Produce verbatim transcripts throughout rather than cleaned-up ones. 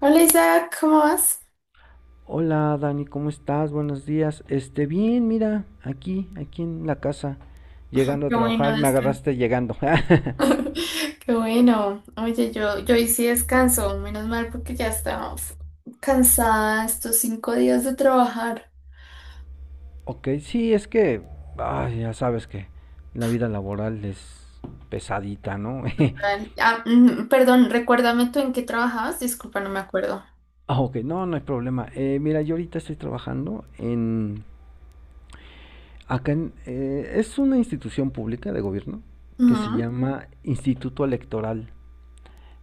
Hola Isaac, ¿cómo vas? Hola Dani, ¿cómo estás? Buenos días. Este, bien, mira, aquí, aquí en la casa, llegando a Qué bueno, trabajar, me descanso. agarraste llegando. Qué bueno. Oye, yo, yo hoy sí descanso, menos mal porque ya estaba uf, cansada estos cinco días de trabajar. Ok, sí, es que, ay, ya sabes que la vida laboral es pesadita, ¿no? Ah, mm, perdón, recuérdame tú en qué trabajabas, disculpa, no me acuerdo. Ah, ok, no, no hay problema. Eh, mira, yo ahorita estoy trabajando en, acá en, eh, es una institución pública de gobierno que se Ujú. llama Instituto Electoral.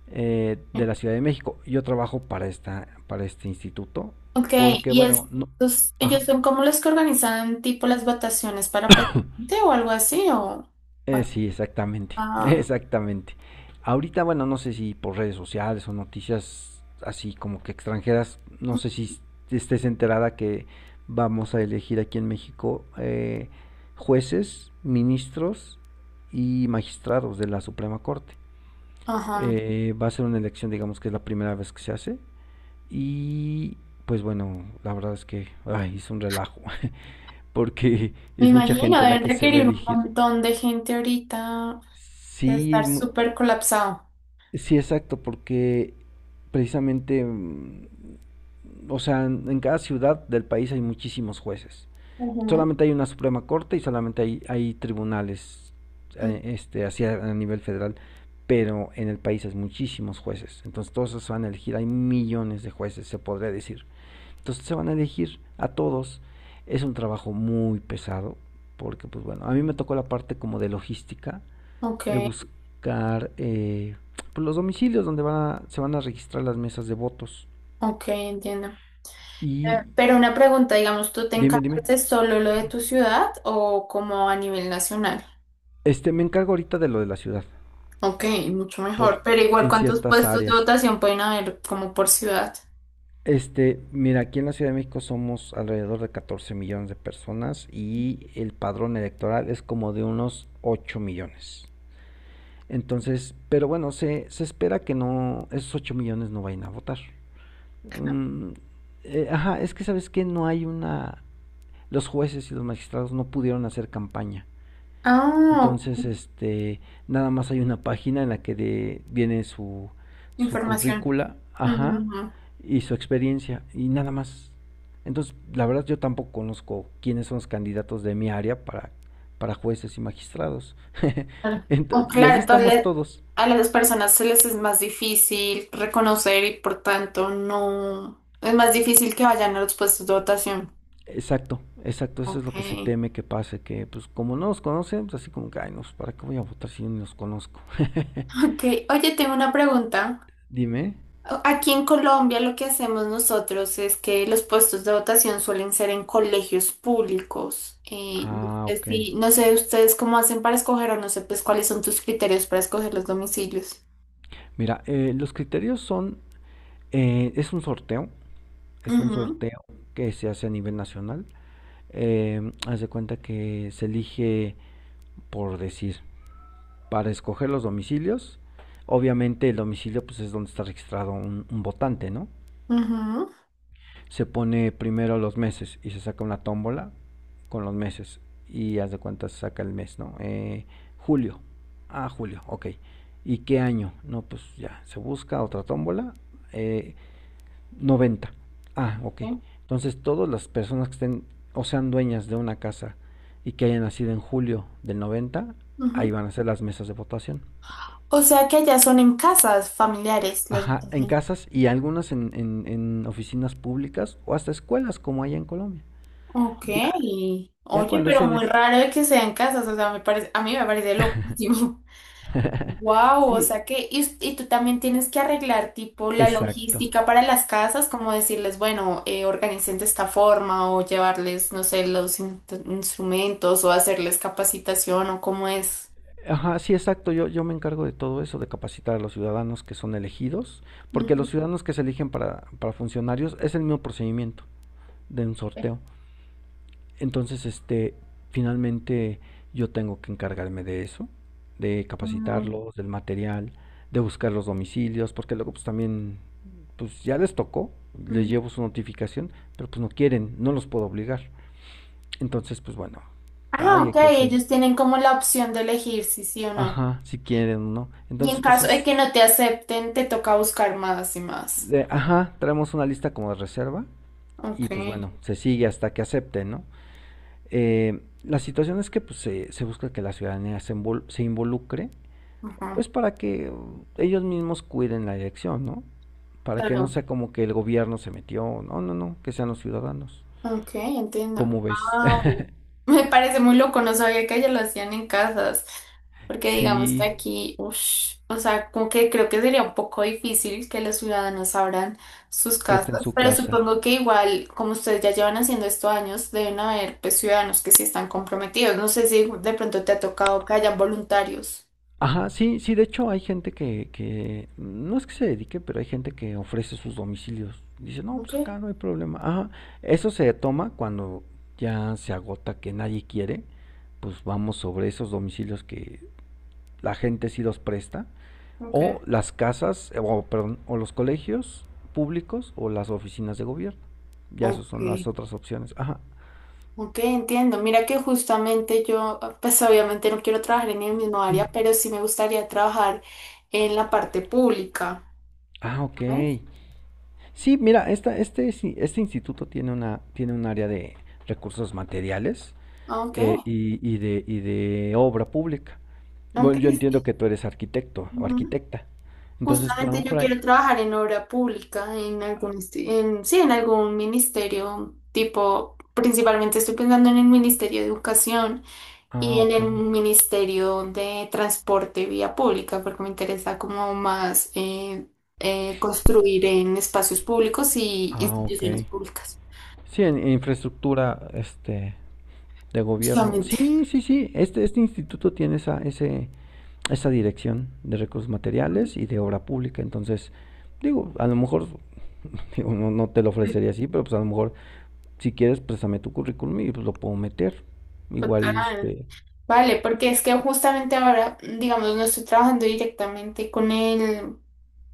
Eh, de la Ciudad de México. Yo trabajo para esta, para este instituto, Ok, porque y bueno, no, estos, ellos ajá, son como los que organizan tipo las votaciones para presidente o algo así, o... eh, Ah, sí, exactamente, ah, exactamente. Ahorita, bueno, no sé si por redes sociales o noticias así como que extranjeras, no sé si estés enterada que vamos a elegir aquí en México, eh, jueces, ministros y magistrados de la Suprema Corte. ajá. Eh, va a ser una elección, digamos que es la primera vez que se hace. Y pues bueno, la verdad es que ay, es un relajo, porque Me es mucha imagino, gente la deben que se va a requerir un elegir. montón de gente ahorita. De Sí, estar mu- súper colapsado. sí, exacto, porque precisamente, mm, o sea, en en cada ciudad del país hay muchísimos jueces. Ujú. Solamente hay una Suprema Corte y solamente hay, hay tribunales Mm, eh, este, así a a nivel federal, pero en el país hay muchísimos jueces. Entonces todos esos van a elegir, hay millones de jueces, se podría decir. Entonces se van a elegir a todos. Es un trabajo muy pesado, porque pues bueno, a mí me tocó la parte como de logística, ok, de buscar eh, pues, los domicilios donde van a- se van a registrar las mesas de votos. ok, entiendo. Eh, Y Pero una pregunta, digamos, ¿tú te dime, dime. encargas de solo lo de tu ciudad o como a nivel nacional? Este, me encargo ahorita de lo de la ciudad, Ok, mucho por, mejor. Pero igual, en ¿cuántos ciertas puestos de áreas. votación pueden haber como por ciudad? Este, mira, aquí en la Ciudad de México somos alrededor de catorce millones de personas y el padrón electoral es como de unos ocho millones. Entonces, pero bueno, se, se espera que no, esos ocho millones no vayan a votar. Mm, eh, ajá, es que sabes que no hay una, los jueces y los magistrados no pudieron hacer campaña. Ah, ok, Entonces, este, nada más hay una página en la que de- viene su, su información. currícula, ajá, Mm, y su experiencia, y nada más. Entonces, la verdad yo tampoco conozco quiénes son los candidatos de mi área para, para jueces y magistrados. claro. Oh, Ento- y así claro, estamos entonces todos. a las personas se les es más difícil reconocer y por tanto no es más difícil que vayan a los puestos de votación. Exacto, exacto, eso es lo Ok. que se teme que pase, que pues como no nos conocen, pues así como que, ay, no, pues, ¿para qué voy a votar si yo ni los conozco? Ok, oye, tengo una pregunta. Dime. Aquí en Colombia lo que hacemos nosotros es que los puestos de votación suelen ser en colegios públicos. Eh, no Ah, sé ok. si- no sé ustedes cómo hacen para escoger o no sé pues cuáles son tus criterios para escoger los domicilios. Mira, eh, los criterios son, eh, es un sorteo, es un Ujú, sorteo que se hace a nivel nacional. Eh, haz de cuenta que se elige, por decir, para escoger los domicilios. Obviamente el domicilio pues es donde está registrado un, un votante, ¿no? ujú, Se pone primero los meses y se saca una tómbola con los meses y haz de cuenta se saca el mes, ¿no? Eh, julio. Ah, julio, ok. ¿Y qué año? No, pues ya, se busca otra tómbola. eh, noventa. Ah, ok. ok, Entonces todas las personas que estén o sean dueñas de una casa y que hayan nacido en julio del noventa, ahí ujú. van a ser las mesas de votación. O sea que allá son en casas familiares las Ajá, en votaciones. casas y algunas en, en- en oficinas públicas o hasta escuelas como hay en Colombia. Ok, Ya, Ya oye, cuando pero se muy nes- raro de que sean casas, o sea, me parece, a mí me parece loquísimo. Wow, o Sí, sea que, y, us- y tú también tienes que arreglar tipo la exacto. logística para las casas, como decirles, bueno, eh, organicen de esta forma o llevarles, no sé, los in- instrumentos o hacerles capacitación o cómo es. Ajá, sí, exacto. Yo, yo me encargo de todo eso, de capacitar a los ciudadanos que son elegidos, porque Ujú. los ciudadanos que se eligen para, para funcionarios es el mismo procedimiento de un sorteo. Entonces, este, finalmente yo tengo que encargarme de eso, de Mm, capacitarlos, del material, de buscar los domicilios, porque luego pues también, pues ya les tocó, les mm. llevo su notificación, pero pues no quieren, no los puedo obligar. Entonces, pues bueno, Ah, ay, hay ok, que hacer, ellos tienen como la opción de elegir si sí o no. ajá, si quieren, ¿no? Y Entonces, en pues caso de es, que no te acepten, te toca buscar más y más. de- ajá, traemos una lista como de reserva y Ok, pues bueno, se sigue hasta que acepten, ¿no? Eh, la situación es que pues se, se busca que la ciudadanía se, invol- se involucre, ajá, pues para que uh, ellos mismos cuiden la elección, ¿no? Para que no claro. sea como que el gobierno se metió, no, no, no, que sean los ciudadanos. Ok, entiendo. ¿Cómo ves? Wow. Me parece muy loco, no sabía que allá lo hacían en casas, porque digamos que Sí, aquí, ush, o sea, como que creo que sería un poco difícil que los ciudadanos abran sus presten casas, su pero casa. supongo que igual, como ustedes ya llevan haciendo esto años, deben haber pues ciudadanos que sí están comprometidos. No sé si de pronto te ha tocado que hayan voluntarios. Ajá, sí, sí, de hecho hay gente que, que no es que se dedique, pero hay gente que ofrece sus domicilios. Dice, no, Ok, pues acá no hay problema. Ajá, eso se toma cuando ya se agota que nadie quiere, pues vamos sobre esos domicilios que la gente sí los presta, ok. o las casas, eh, o perdón, o los colegios públicos o las oficinas de gobierno. Ya esas son las Ok. otras opciones. Ajá. Ok, entiendo. Mira que justamente yo, pues obviamente no quiero trabajar en el mismo área, pero sí me gustaría trabajar en la parte pública. Ah, ok. ¿Sabes? Sí, mira, esta, este, sí, este instituto tiene una, tiene un área de recursos materiales Ok, eh, y, y de, y de obra pública. ok, Bueno, yo entiendo sí, que tú eres arquitecto o ujú. arquitecta. Entonces, pues a lo Justamente yo mejor hay... quiero trabajar en obra pública, en algún, insti- en, sí, en algún ministerio, tipo, principalmente estoy pensando en el Ministerio de Educación. Ah, Y en ok. el Ministerio de Transporte y Vía Pública, porque me interesa como más eh, eh, construir en espacios públicos y Ah, ok. instituciones públicas, Sí, en, en infraestructura este, de gobierno. justamente. Sí, sí, sí. Este, este instituto tiene esa, ese, esa dirección de recursos materiales y de obra pública. Entonces, digo, a lo mejor, digo, no, no te lo Sí, ofrecería así, pero pues a lo mejor. Si quieres, préstame tu currículum y pues lo puedo meter. Igual, total. este. Vale, porque es que justamente ahora, digamos, no estoy trabajando directamente con el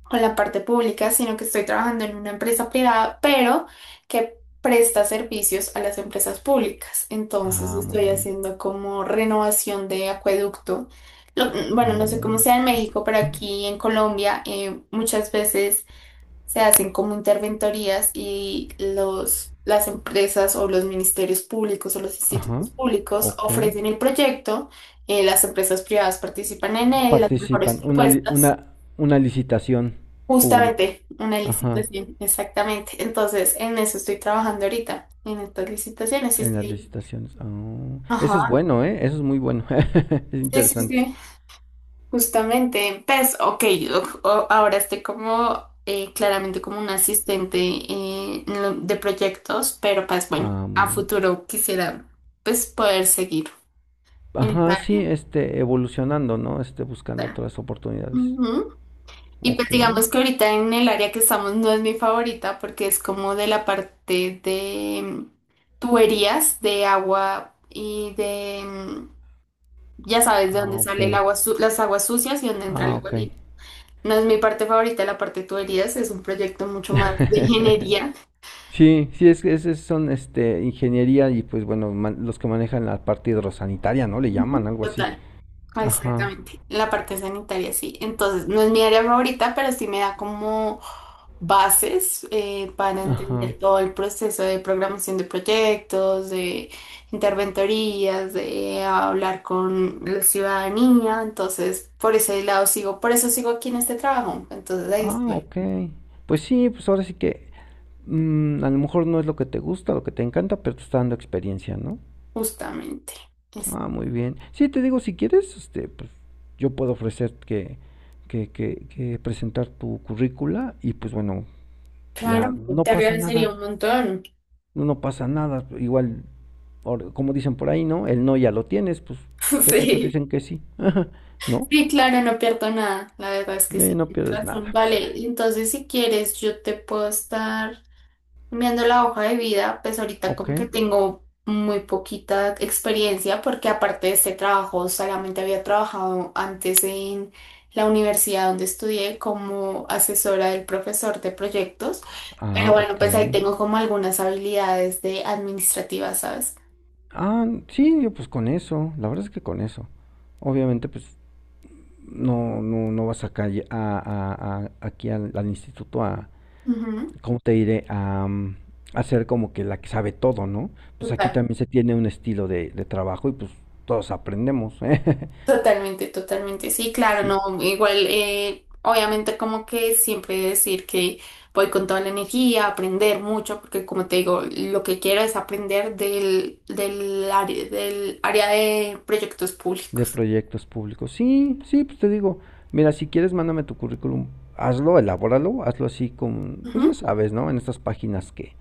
con la parte pública, sino que estoy trabajando en una empresa privada, pero que presta servicios a las empresas públicas. Entonces Ah, muy estoy bien. haciendo como renovación de acueducto. Lo- bueno, no sé cómo Oh, sea en México, pero aquí en Colombia eh, muchas veces se hacen como interventorías y los, las empresas o los ministerios públicos o los institutos ajá. públicos Ok. ofrecen el proyecto, eh, las empresas privadas participan en él, las mejores Participan. Una, li- propuestas. una, una licitación pública. Justamente, una Ajá. licitación, exactamente. Entonces, en eso estoy trabajando ahorita, en estas licitaciones. Sí, En las estoy licitaciones. Oh, eso es ajá, bueno, ¿eh? Eso es muy bueno. Es sí, sí, interesante. sí. Justamente, pues, ok, yo, o- ahora estoy como, eh, claramente como un asistente eh, en lo- de proyectos, pero pues bueno, Ah, muy a bien. futuro quisiera, pues, poder seguir en esta Ajá, sí, área. este, evolucionando, ¿no? Este, buscando otras oportunidades. Ujú. Y pues Ok. digamos que ahorita en el área que estamos no es mi favorita porque es como de la parte de mm, tuberías de agua y de, mm, ya sabes, de Ah, dónde ok. sale el agua, su- las aguas sucias y dónde entra Ah, el agua ok. limpia. No es mi parte favorita, la parte de tuberías es un proyecto mucho más de ingeniería. Sí, sí, es que es- son este, ingeniería y pues bueno, man- los que manejan la parte hidrosanitaria, ¿no? Le Ujú. llaman algo así. Total, ah, Ajá, exactamente. La parte sanitaria, sí. Entonces, no es mi área favorita, pero sí me da como bases eh, para ajá. entender todo el proceso de programación de proyectos, de interventorías, de hablar con la ciudadanía. Entonces, por ese lado sigo, por eso sigo aquí en este trabajo. Entonces, ahí Ah, estoy, ok. Pues sí, pues ahora sí que mm, a lo mejor no es lo que te gusta, lo que te encanta, pero te está dando experiencia, ¿no? justamente. Es- Ah, muy bien. Sí, te digo, si quieres, este, pues yo puedo ofrecer que, que, que, que presentar tu currícula y pues bueno, claro, ya no te pasa agradecería nada, un montón. no, no pasa nada. Igual. Por- como dicen por ahí, ¿no? El no ya lo tienes, pues, ¿qué tal que te dicen Sí. que sí? ¿No? Sí, claro, no pierdo nada. La verdad es que sí, Eh, no tienes pierdes razón. nada, pues, ah, Vale, entonces si quieres, yo te puedo estar viendo la hoja de vida, pues ahorita ok. como que tengo muy poquita experiencia porque aparte de este trabajo solamente había trabajado antes en la universidad donde estudié como asesora del profesor de proyectos, Ah, pero bueno, ok. pues ahí tengo como algunas habilidades de administrativas, ¿sabes? Ah, sí, yo pues con eso, la verdad es que con eso. Obviamente, pues, no, no, no vas a calle, a, a- a- aquí al, al instituto a, Ujú, ¿cómo te diré? A, mm, a ser como que la que sabe todo, ¿no? Pues aquí total. también se tiene un estilo de, de trabajo y pues todos aprendemos. Totalmente, totalmente, sí, claro, Sí. no, igual, eh, obviamente como que siempre decir que voy con toda la energía, aprender mucho, porque como te digo, lo que quiero es aprender del, del área, del área de proyectos De públicos. proyectos públicos. Sí, sí, pues te digo, mira, si quieres, mándame tu currículum, hazlo, elabóralo, hazlo así con, pues ya Ujú, sabes, ¿no? En estas páginas que,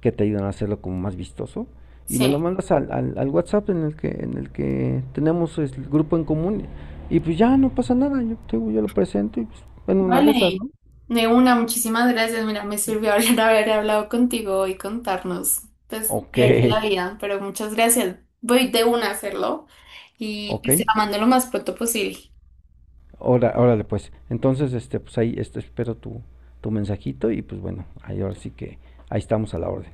que te ayudan a hacerlo como más vistoso. Y me sí, lo mandas al, al, al WhatsApp en el que, en el que tenemos pues, el grupo en común. Y pues ya no pasa nada, yo, te digo, yo lo presento y pues, en una de esas, vale, ¿no? de una, muchísimas gracias, mira, me sirvió hablar, haber hablado contigo y contarnos, pues, Ok, qué hay de la vida, pero muchas gracias, voy de una a hacerlo y ok. pues, te la mando lo más pronto posible. Ahora, órale, pues. Entonces, este, pues ahí este, espero tu, tu mensajito y pues bueno, ahí ahora sí que ahí estamos a la orden.